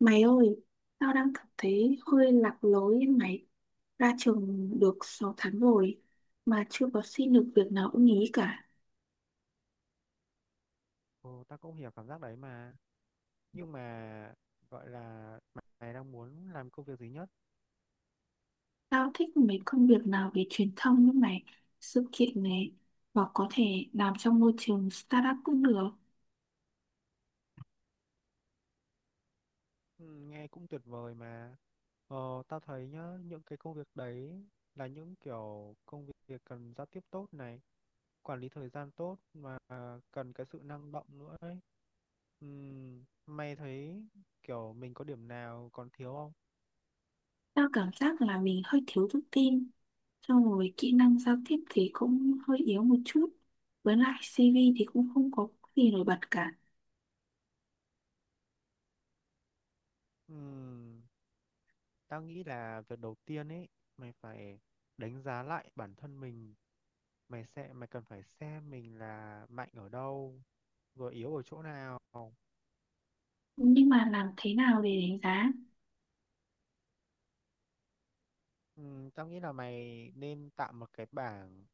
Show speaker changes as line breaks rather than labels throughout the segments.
Mày ơi, tao đang cảm thấy hơi lạc lối ấy mày. Ra trường được 6 tháng rồi mà chưa có xin được việc nào ưng ý cả.
Ồ, tao cũng hiểu cảm giác đấy mà. Nhưng mà gọi là mày đang muốn làm công việc gì nhất?
Tao thích mấy công việc nào về truyền thông như mày, sự kiện này hoặc có thể làm trong môi trường startup cũng được.
Ừ, nghe cũng tuyệt vời mà. Tao thấy nhá, những cái công việc đấy là những kiểu công việc cần giao tiếp tốt này, quản lý thời gian tốt và cần cái sự năng động nữa ấy. Mày thấy kiểu mình có điểm nào còn thiếu không?
Tao cảm giác là mình hơi thiếu tự tin. Xong rồi kỹ năng giao tiếp thì cũng hơi yếu một chút. Với lại CV thì cũng không có gì nổi bật cả.
Ừm, tao nghĩ là việc đầu tiên ấy, mày phải đánh giá lại bản thân mình. Mày cần phải xem mình là mạnh ở đâu rồi yếu ở chỗ nào.
Nhưng mà làm thế nào để đánh giá?
Tao nghĩ là mày nên tạo một cái bảng.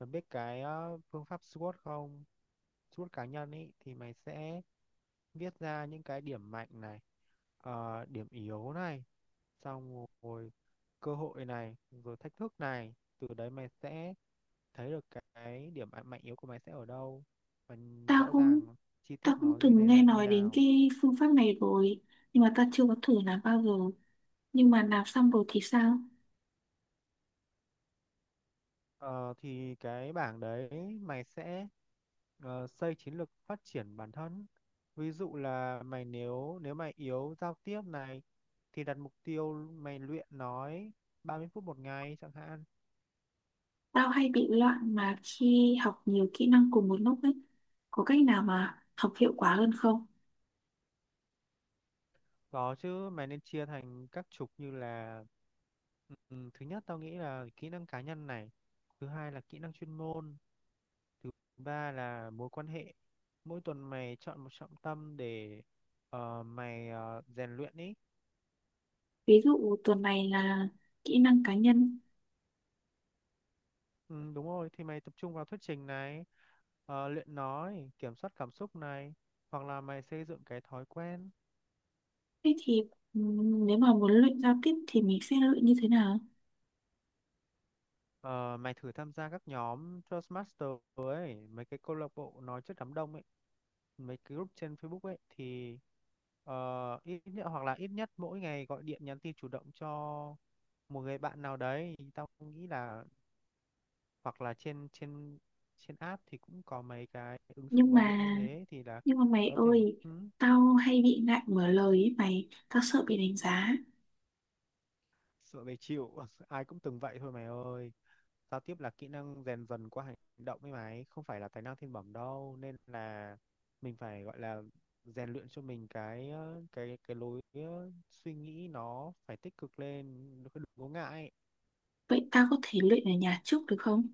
Mày biết cái phương pháp SWOT không? SWOT cá nhân ý, thì mày sẽ viết ra những cái điểm mạnh này, điểm yếu này, xong rồi cơ hội này, rồi thách thức này. Từ đấy mày sẽ thấy được cái điểm mạnh mạnh yếu của mày sẽ ở đâu và
Tao
rõ
cũng
ràng, chi
tao
tiết
cũng
nó như
từng
thế
nghe
nào như
nói đến
nào.
cái phương pháp này rồi, nhưng mà tao chưa có thử làm bao giờ. Nhưng mà làm xong rồi thì sao?
Ờ, thì cái bảng đấy mày sẽ xây chiến lược phát triển bản thân. Ví dụ là mày, nếu nếu mày yếu giao tiếp này thì đặt mục tiêu mày luyện nói 30 phút một ngày chẳng hạn.
Tao hay bị loạn mà khi học nhiều kỹ năng cùng một lúc ấy, có cách nào mà học hiệu quả hơn không?
Có chứ, mày nên chia thành các trục như là ừ, thứ nhất tao nghĩ là kỹ năng cá nhân này, thứ hai là kỹ năng chuyên môn, thứ ba là mối quan hệ. Mỗi tuần mày chọn một trọng tâm để mày rèn luyện ý.
Ví dụ tuần này là kỹ năng cá nhân.
Ừ, đúng rồi, thì mày tập trung vào thuyết trình này, luyện nói, kiểm soát cảm xúc này, hoặc là mày xây dựng cái thói quen.
Thế thì nếu mà muốn luyện giao tiếp thì mình sẽ luyện như thế nào?
Ờ, Mày thử tham gia các nhóm Toastmaster ấy, mấy cái câu lạc bộ nói trước đám đông ấy, mấy cái group trên Facebook ấy, thì ít nhất, hoặc là ít nhất mỗi ngày gọi điện nhắn tin chủ động cho một người bạn nào đấy. Tao nghĩ là hoặc là trên trên trên app thì cũng có mấy cái ứng dụng
nhưng
gọi điện
mà
như thế, thì là
nhưng mà mày
có thể.
ơi,
Ừ.
tao hay bị ngại mở lời ấy mày, tao sợ bị đánh giá.
Sợ về chịu ai cũng từng vậy thôi mày ơi. Giao tiếp là kỹ năng rèn dần qua hành động ấy mày, không phải là tài năng thiên bẩm đâu, nên là mình phải gọi là rèn luyện cho mình cái cái lối suy nghĩ nó phải tích cực lên, nó phải đừng có ngại.
Vậy tao có thể luyện ở nhà trước được không?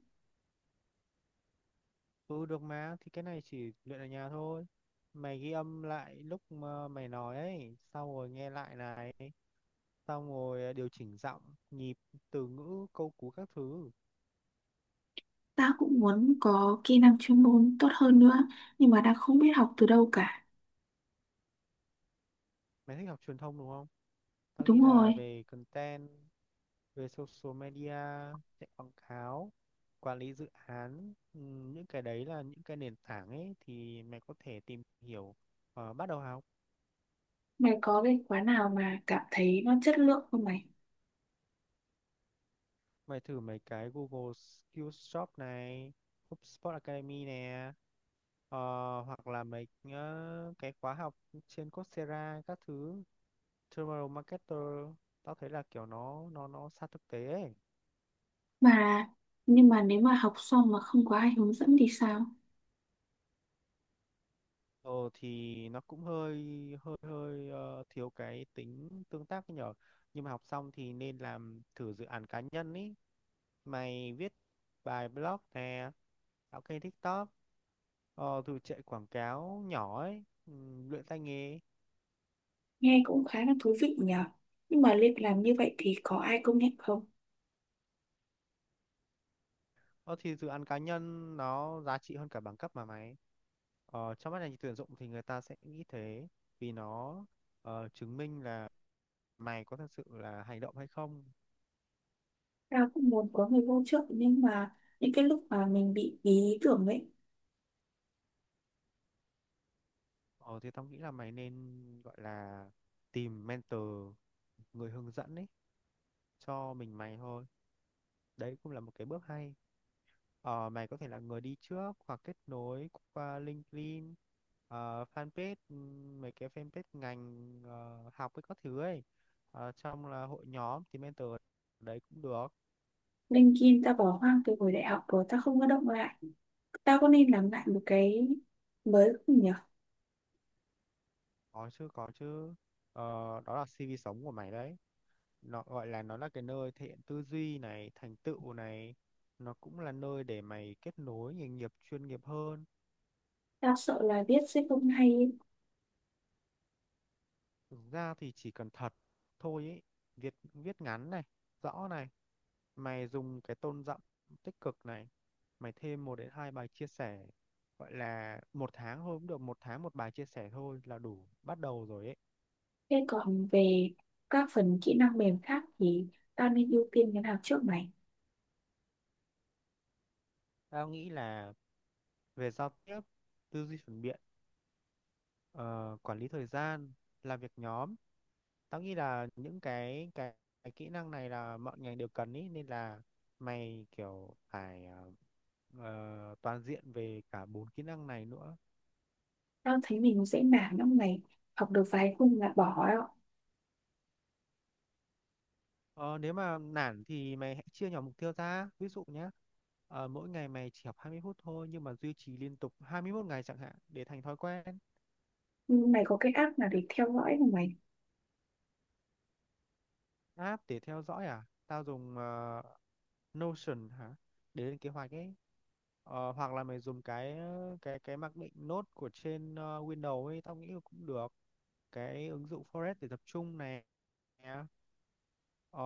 Ừ, được mà, thì cái này chỉ luyện ở nhà thôi. Mày ghi âm lại lúc mà mày nói ấy, xong rồi nghe lại này, xong rồi điều chỉnh giọng, nhịp, từ ngữ, câu cú các thứ.
Tao cũng muốn có kỹ năng chuyên môn tốt hơn nữa, nhưng mà đang không biết học từ đâu cả.
Mày thích học truyền thông đúng không? Tao nghĩ
Đúng
là
rồi.
về content, về social media, chạy quảng cáo, quản lý dự án, những cái đấy là những cái nền tảng ấy, thì mày có thể tìm hiểu và bắt đầu học.
Mày có cái khóa nào mà cảm thấy nó chất lượng không mày?
Mày thử mấy cái Google Skills Shop này, HubSpot Academy nè, ờ, hoặc là mấy cái khóa học trên Coursera các thứ, Tomorrow Marketer, tao thấy là kiểu nó sát thực tế ấy.
Mà, nhưng mà nếu mà học xong mà không có ai hướng dẫn thì sao?
Ờ thì nó cũng hơi hơi hơi thiếu cái tính tương tác ấy nhở. Nhưng mà học xong thì nên làm thử dự án cá nhân ý. Mày viết bài blog nè, tạo kênh TikTok, thử chạy quảng cáo nhỏ ấy, luyện tay nghề.
Nghe cũng khá là thú vị nhở. Nhưng mà liệu làm như vậy thì có ai công nhận không?
Ờ thì dự án cá nhân nó giá trị hơn cả bằng cấp mà mày. Ờ, trong mắt ngành tuyển dụng thì người ta sẽ nghĩ thế, vì nó chứng minh là mày có thật sự là hành động hay không.
Tao cũng muốn có người hỗ trợ, nhưng mà những cái lúc mà mình bị ý tưởng ấy,
Ờ thì tao nghĩ là mày nên gọi là tìm mentor, người hướng dẫn ấy cho mình mày thôi. Đấy cũng là một cái bước hay. Ờ, mày có thể là người đi trước hoặc kết nối qua LinkedIn, fanpage, mấy cái fanpage ngành học với các thứ ấy. Ờ, trong là hội nhóm thì mentor đấy cũng được.
LinkedIn tao bỏ hoang từ hồi đại học rồi, tao không có động lại. Tao có nên làm lại một cái mới không nhỉ?
Có chứ, có chứ. Ờ, đó là CV sống của mày đấy. Nó gọi là, nó là cái nơi thể hiện tư duy này, thành tựu này, nó cũng là nơi để mày kết nối nghề nghiệp chuyên nghiệp hơn.
Tao sợ là viết sẽ không hay ấy.
Thực ra thì chỉ cần thật thôi ấy, viết viết ngắn này, rõ này, mày dùng cái tone giọng tích cực này, mày thêm 1 đến 2 bài chia sẻ, gọi là một tháng thôi cũng được, một tháng một bài chia sẻ thôi là đủ bắt đầu rồi ấy.
Thế còn về các phần kỹ năng mềm khác thì tao nên ưu tiên cái nào trước mày?
Tao nghĩ là về giao tiếp, tư duy phản biện, ờ, quản lý thời gian, làm việc nhóm. Tao nghĩ là những cái kỹ năng này là mọi ngành đều cần ý, nên là mày kiểu phải toàn diện về cả 4 kỹ năng này nữa.
Tao thấy mình dễ nản lắm mày. Học được vài khung là bỏ đó.
Ờ, nếu mà nản thì mày hãy chia nhỏ mục tiêu ra. Ví dụ nhé, mỗi ngày mày chỉ học 20 phút thôi nhưng mà duy trì liên tục 21 ngày chẳng hạn để thành thói quen.
Nhưng mày có cái app nào để theo dõi không mày?
App để theo dõi à? Tao dùng Notion hả? Để lên kế hoạch ấy. Ờ, hoặc là mày dùng cái mặc định nốt của trên Windows ấy, tao nghĩ là cũng được. Cái ứng dụng Forest để tập trung này. Ờ,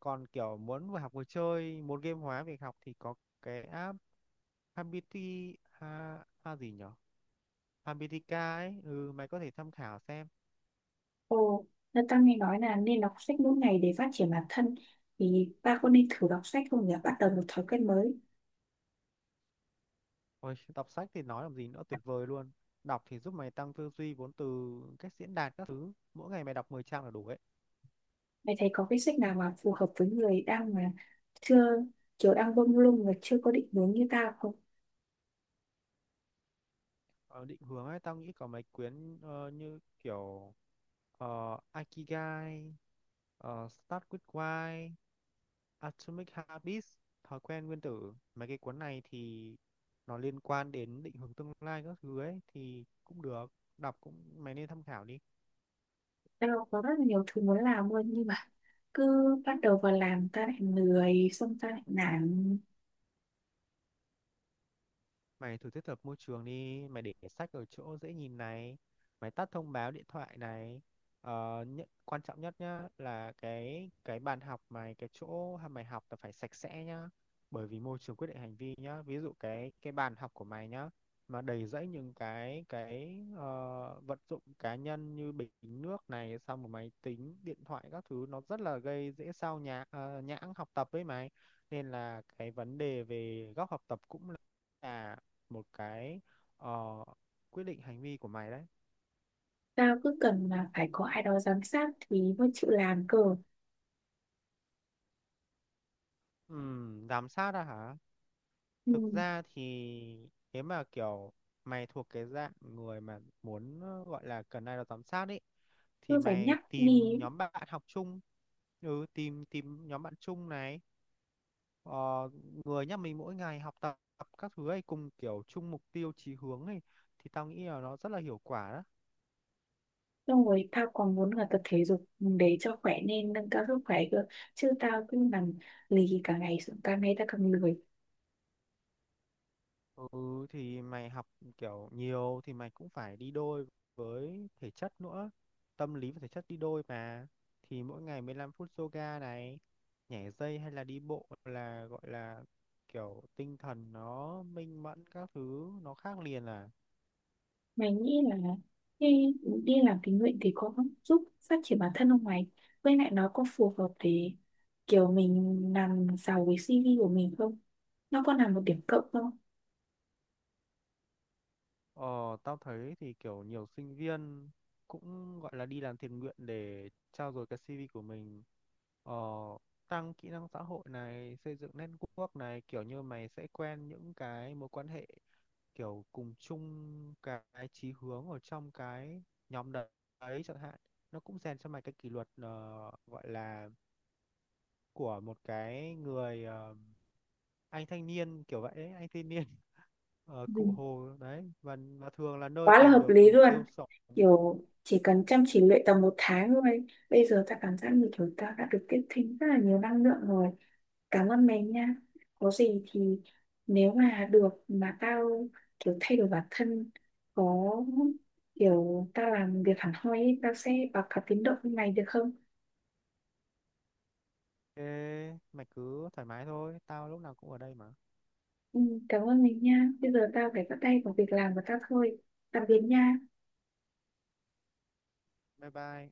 còn kiểu muốn vừa học vừa chơi, muốn game hóa việc học thì có cái app ha gì nhở? Habitica ấy, mày có thể tham khảo xem.
Ồ, là tao nghe nói là nên đọc sách mỗi ngày để phát triển bản thân. Thì ta có nên thử đọc sách không nhỉ? Bắt đầu một thói quen mới.
Ôi, đọc sách thì nói làm gì nữa, tuyệt vời luôn. Đọc thì giúp mày tăng tư duy, vốn từ, cách diễn đạt các thứ. Mỗi ngày mày đọc 10 trang là đủ ấy.
Mày thấy có cái sách nào mà phù hợp với người đang mà chưa kiểu đang bông lung và chưa có định hướng như tao không?
Ờ, định hướng ấy, tao nghĩ có mấy quyển như kiểu Ikigai, Start with Why, Atomic Habits, Thói quen nguyên tử. Mấy cái cuốn này thì nó liên quan đến định hướng tương lai các thứ ấy, thì cũng được. Đọc cũng, mày nên tham khảo đi.
Tao có rất là nhiều thứ muốn làm luôn, nhưng mà cứ bắt đầu vào làm ta lại lười, xong ta lại nản.
Mày thử thiết lập môi trường đi, mày để sách ở chỗ dễ nhìn này, mày tắt thông báo điện thoại này. Ờ, nhất, quan trọng nhất nhá là cái bàn học mày, cái chỗ mày học là phải sạch sẽ nhá. Bởi vì môi trường quyết định hành vi nhá. Ví dụ cái bàn học của mày nhá mà đầy rẫy những cái vật dụng cá nhân như bình nước này, xong một máy tính, điện thoại các thứ, nó rất là gây dễ sao nhãng học tập với mày. Nên là cái vấn đề về góc học tập cũng là một cái ờ, quyết định hành vi của mày đấy.
Tao cứ cần là phải có ai đó giám sát thì mới chịu làm cơ.
Giám sát à hả?
Ừ.
Thực ra thì nếu mà kiểu mày thuộc cái dạng người mà muốn gọi là cần ai đó giám sát ấy, thì
Cứ phải
mày
nhắc đi
tìm
ấy.
nhóm bạn học chung, tìm tìm nhóm bạn chung này, ờ, người nhà mình mỗi ngày học tập các thứ ấy, cùng kiểu chung mục tiêu chí hướng ấy, thì tao nghĩ là nó rất là hiệu quả đó.
Xong rồi tao còn muốn là tập thể dục để cho khỏe, nên nâng cao sức khỏe cơ, chứ tao cứ nằm lì cả ngày, xong càng ngày tao càng lười.
Ừ, thì mày học kiểu nhiều thì mày cũng phải đi đôi với thể chất nữa. Tâm lý và thể chất đi đôi mà. Thì mỗi ngày 15 phút yoga này, nhảy dây hay là đi bộ, là gọi là kiểu tinh thần nó minh mẫn các thứ, nó khác liền à.
Mày nghĩ là khi đi làm tình nguyện thì có giúp phát triển bản thân không mày? Với lại nó có phù hợp để kiểu mình làm giàu với CV của mình không? Nó có là một điểm cộng không?
Ờ, tao thấy thì kiểu nhiều sinh viên cũng gọi là đi làm thiện nguyện để trau dồi cái CV của mình. Ờ, tăng kỹ năng xã hội này, xây dựng network này, kiểu như mày sẽ quen những cái mối quan hệ kiểu cùng chung cái chí hướng ở trong cái nhóm đấy chẳng hạn. Nó cũng rèn cho mày cái kỷ luật, gọi là của một cái người, anh thanh niên kiểu vậy ấy, anh thanh niên ở
Ừ,
Cụ Hồ đấy, và thường là nơi
quá là
tìm
hợp
được
lý
mục
luôn,
tiêu sống.
kiểu chỉ cần chăm chỉ luyện tầm 1 tháng thôi, bây giờ ta cảm giác như kiểu ta đã được tiếp thêm rất là nhiều năng lượng rồi. Cảm ơn mình nha. Có gì thì nếu mà được mà tao kiểu thay đổi bản thân, có kiểu tao làm việc hẳn hoi ấy, tao sẽ báo cáo tiến độ với mày được không?
Thế mày cứ thoải mái thôi, tao lúc nào cũng ở đây mà.
Ừ, cảm ơn mình nha, bây giờ tao phải bắt tay vào việc làm của tao thôi. Tạm biệt nha.
Bye bye.